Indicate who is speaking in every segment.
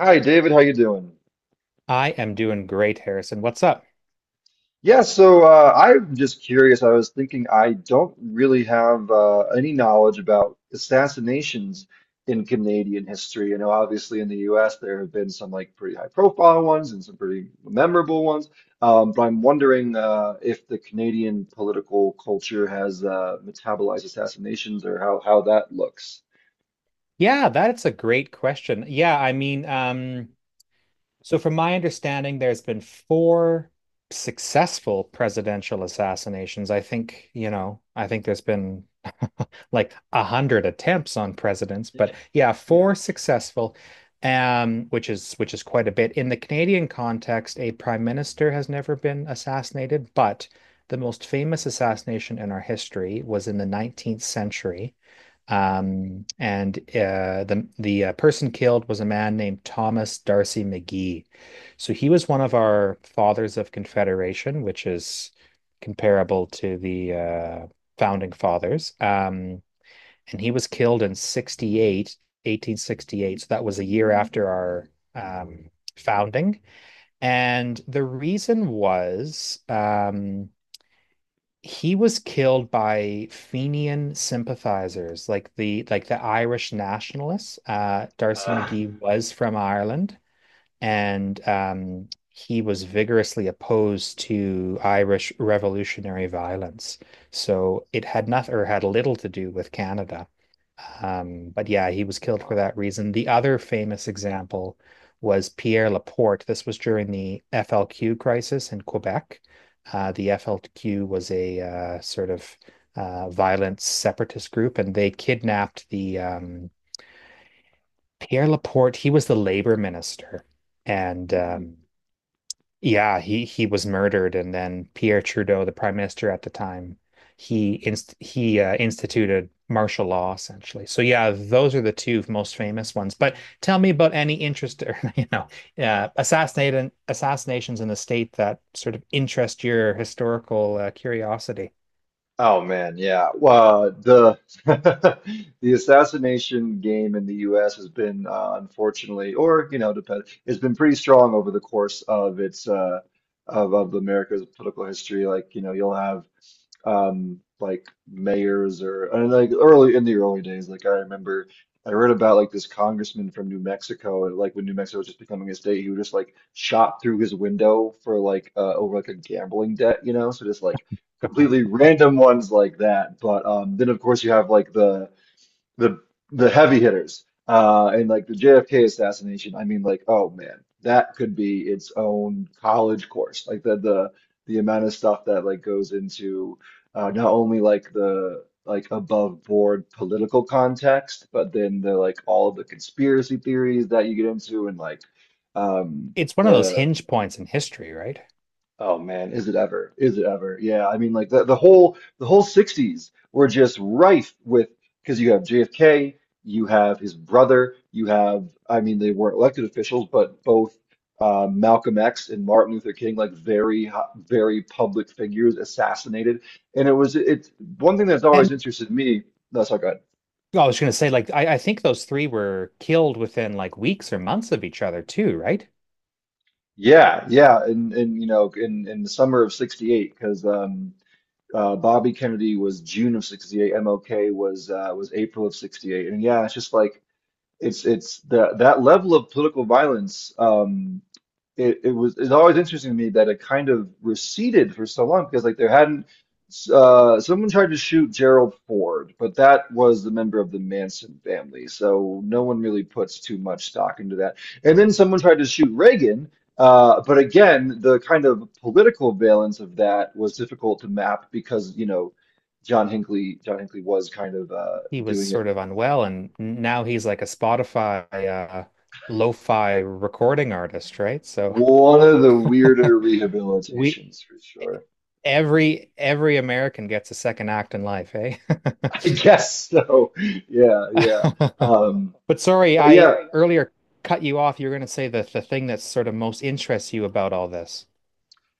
Speaker 1: Hi, David. How you doing?
Speaker 2: I am doing great, Harrison. What's up?
Speaker 1: I'm just curious. I was thinking I don't really have any knowledge about assassinations in Canadian history. You know, obviously in the U.S. there have been some like pretty high-profile ones and some pretty memorable ones. But I'm wondering if the Canadian political culture has metabolized assassinations or how that looks.
Speaker 2: Yeah, that's a great question. Yeah, I mean, so from my understanding, there's been four successful presidential assassinations. I think there's been like 100 attempts on presidents, but yeah,
Speaker 1: Yeah.
Speaker 2: four successful, which is quite a bit. In the Canadian context, a prime minister has never been assassinated, but the most famous assassination in our history was in the 19th century. And the person killed was a man named Thomas Darcy McGee. So he was one of our Fathers of Confederation, which is comparable to the Founding Fathers. And he was killed in 1868. So that was a year after our um, founding. And the reason was he was killed by Fenian sympathizers, like the Irish nationalists. Darcy
Speaker 1: Uh,
Speaker 2: McGee was from Ireland, and he was vigorously opposed to Irish revolutionary violence. So it had nothing or had little to do with Canada. But yeah, he was killed for
Speaker 1: wow.
Speaker 2: that reason. The other famous example was Pierre Laporte. This was during the FLQ crisis in Quebec. The FLQ was a sort of violent separatist group, and they kidnapped the Pierre Laporte. He was the labor minister, and yeah, he was murdered, and then Pierre Trudeau, the prime minister at the time, he instituted martial law essentially. So yeah, those are the two most famous ones. But tell me about any interest or assassinations in the state that sort of interest your historical curiosity.
Speaker 1: Oh man, yeah. Well, the the assassination game in the U.S. has been unfortunately, or you know, depend, has been pretty strong over the course of its of America's political history. Like you know, you'll have like mayors or and like early in the early days like I remember I read about like this congressman from New Mexico, and like when New Mexico was just becoming a state, he would just like shot through his window for like over like a gambling debt, you know? So just like completely random ones like that. But then of course you have like the the heavy hitters, and like the JFK assassination. I mean, like, oh man, that could be its own college course. Like the amount of stuff that like goes into not only like the like above board political context, but then the like all of the conspiracy theories that you get into. And like um
Speaker 2: It's one of those
Speaker 1: the
Speaker 2: hinge points in history, right?
Speaker 1: Oh man, is it ever? Is it ever? Yeah, I mean, like the whole 60s were just rife with, because you have JFK, you have his brother, you have, I mean, they weren't elected officials, but both Malcolm X and Martin Luther King, like very very public figures, assassinated. And it's one thing that's always
Speaker 2: And
Speaker 1: interested me. That's all good.
Speaker 2: well, I was going to say, like, I think those three were killed within like weeks or months of each other too, right?
Speaker 1: Yeah, yeah, and you know, in the summer of 68, because Bobby Kennedy was June of 68, MLK was April of 68. And yeah, it's just like it's the that level of political violence. It's always interesting to me that it kind of receded for so long, because like there hadn't, someone tried to shoot Gerald Ford, but that was the member of the Manson family, so no one really puts too much stock into that. And then someone tried to shoot Reagan, but again, the kind of political valence of that was difficult to map because, you know, John Hinckley was kind of
Speaker 2: He was
Speaker 1: doing it,
Speaker 2: sort of unwell, and now he's like a Spotify lo-fi recording artist, right? So
Speaker 1: one of the weirder
Speaker 2: we
Speaker 1: rehabilitations for sure.
Speaker 2: every American gets a second act in life, eh?
Speaker 1: I guess so. Yeah, yeah. Um,
Speaker 2: But sorry,
Speaker 1: but yeah,
Speaker 2: I earlier cut you off. You are going to say that the thing that sort of most interests you about all this.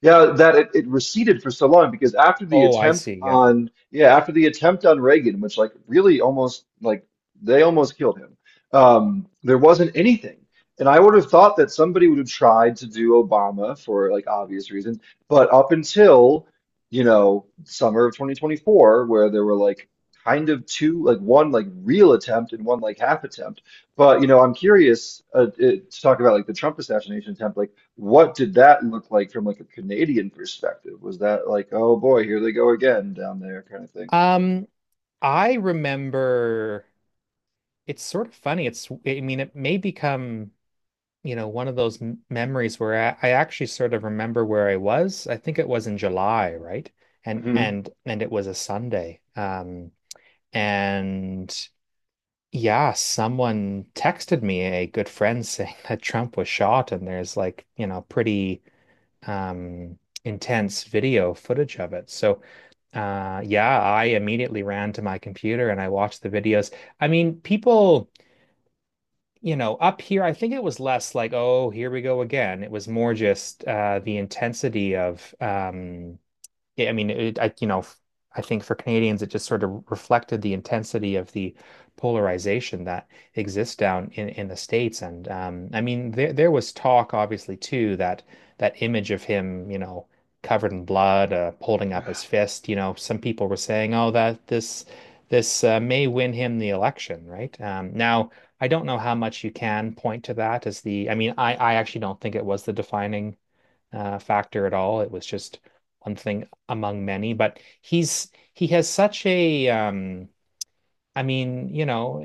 Speaker 1: Yeah, that it receded for so long, because after the
Speaker 2: Oh, I
Speaker 1: attempt
Speaker 2: see. Yeah.
Speaker 1: on, yeah, after the attempt on Reagan, which like really almost like, they almost killed him, there wasn't anything. And I would have thought that somebody would have tried to do Obama for like obvious reasons, but up until, you know, summer of 2024, where there were like kind of two, like one like real attempt and one like half attempt. But you know, I'm curious, to talk about like the Trump assassination attempt. Like what did that look like from like a Canadian perspective? Was that like, oh boy, here they go again down there, kind of thing?
Speaker 2: Um, I remember it's sort of funny. It's, I mean, it may become one of those m memories where I actually sort of remember where I was. I think it was in July, right? And
Speaker 1: Hmm.
Speaker 2: and and it was a Sunday. And yeah, someone texted me, a good friend, saying that Trump was shot, and there's like, pretty um intense video footage of it. So, yeah, I immediately ran to my computer and I watched the videos. I mean, people up here, I think it was less like, oh, here we go again. It was more just the intensity of I mean, it, I, you know, I think for Canadians, it just sort of reflected the intensity of the polarization that exists down in the States. And I mean, there was talk, obviously, too, that that image of him, covered in blood, holding up his fist. Some people were saying, "Oh, that this may win him the election," right? Now, I don't know how much you can point to that as the. I mean, I actually don't think it was the defining factor at all. It was just one thing among many. But he has such a I mean,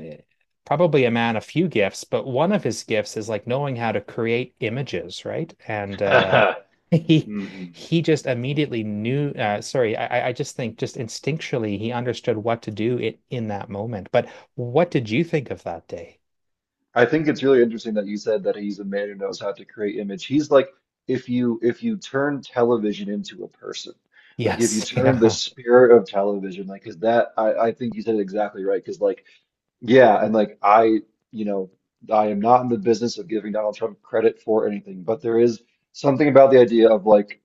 Speaker 2: probably a man of few gifts, but one of his gifts is like knowing how to create images, right? And he
Speaker 1: Hmm.
Speaker 2: he just immediately knew. Sorry, I just think just instinctually he understood what to do it in that moment. But what did you think of that day?
Speaker 1: I think it's really interesting that you said that he's a man who knows how to create image. He's like, if you turn television into a person, like if you
Speaker 2: Yes,
Speaker 1: turn the
Speaker 2: yeah.
Speaker 1: spirit of television, like, because that, I think you said it exactly right. Because like, yeah, and like I, you know, I am not in the business of giving Donald Trump credit for anything, but there is something about the idea of like.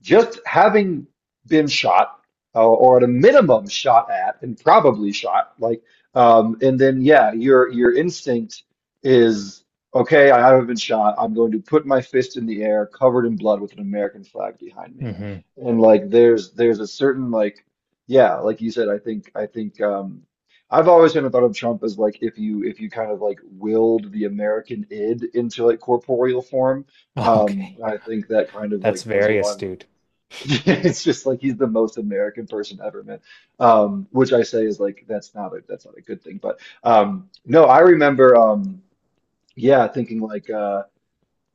Speaker 1: Just having been shot, or at a minimum shot at and probably shot, like, and then, yeah, your instinct is, okay, I haven't been shot, I'm going to put my fist in the air covered in blood with an American flag behind me.
Speaker 2: Hmm.
Speaker 1: And like there's a certain like, yeah, like you said. I've always kind of thought of Trump as like, if you kind of like willed the American id into like corporeal form.
Speaker 2: Okay.
Speaker 1: I think that kind of
Speaker 2: That's
Speaker 1: like goes
Speaker 2: very
Speaker 1: along with.
Speaker 2: astute.
Speaker 1: It's just like he's the most American person ever, man. Which I say is like, that's not a, that's not a good thing. But No, I remember, yeah, thinking like,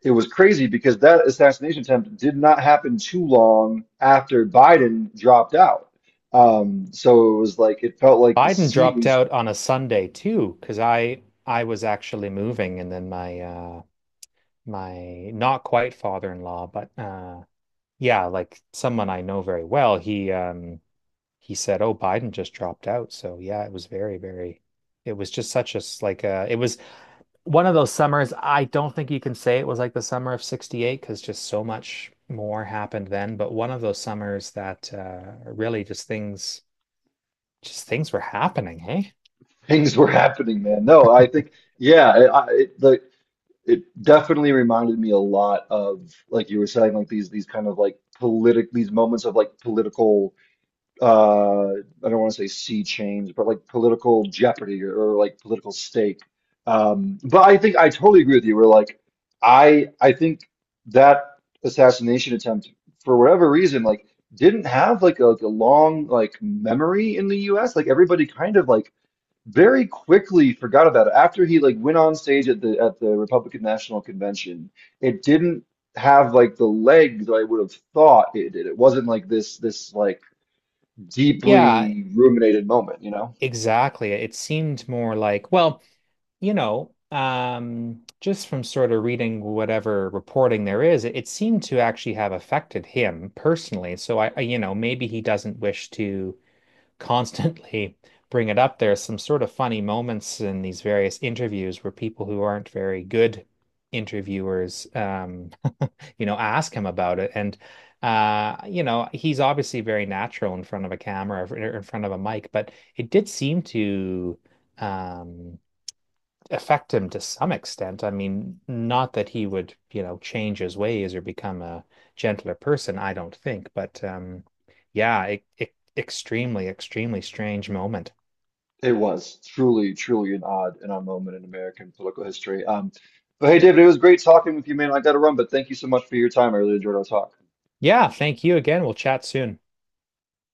Speaker 1: it was crazy because that assassination attempt did not happen too long after Biden dropped out. So it was like it felt like the
Speaker 2: Biden dropped
Speaker 1: seas,
Speaker 2: out on a Sunday too, because I was actually moving, and then my not quite father-in-law, but yeah, like someone I know very well, he said, "Oh, Biden just dropped out." So yeah, it was very, very. It was just such a s- like it was one of those summers. I don't think you can say it was like the summer of '68 because just so much more happened then. But one of those summers that really just things were happening, hey?
Speaker 1: things were happening, man. No, I think, yeah, like, it definitely reminded me a lot of, like you were saying, like these kind of like politic, these moments of like political uh I don't want to say sea change, but like political jeopardy, or like political stake. But I think I totally agree with you. We're like I I think that assassination attempt, for whatever reason, like didn't have like a long like memory in the US. Like everybody kind of like very quickly forgot about it after he like went on stage at the Republican National Convention. It didn't have like the legs that I would have thought it did. It wasn't like this like
Speaker 2: Yeah,
Speaker 1: deeply ruminated moment, you know?
Speaker 2: exactly. It seemed more like, well, just from sort of reading whatever reporting there is, it seemed to actually have affected him personally. So maybe he doesn't wish to constantly bring it up. There's some sort of funny moments in these various interviews where people who aren't very good interviewers, ask him about it. And he's obviously very natural in front of a camera or in front of a mic, but it did seem to um affect him to some extent. I mean, not that he would, change his ways or become a gentler person, I don't think, but yeah, it extremely, extremely strange moment.
Speaker 1: It was truly, truly an odd and odd moment in American political history. But hey, David, it was great talking with you, man. I got to run, but thank you so much for your time. I really enjoyed our talk.
Speaker 2: Yeah, thank you again. We'll chat soon.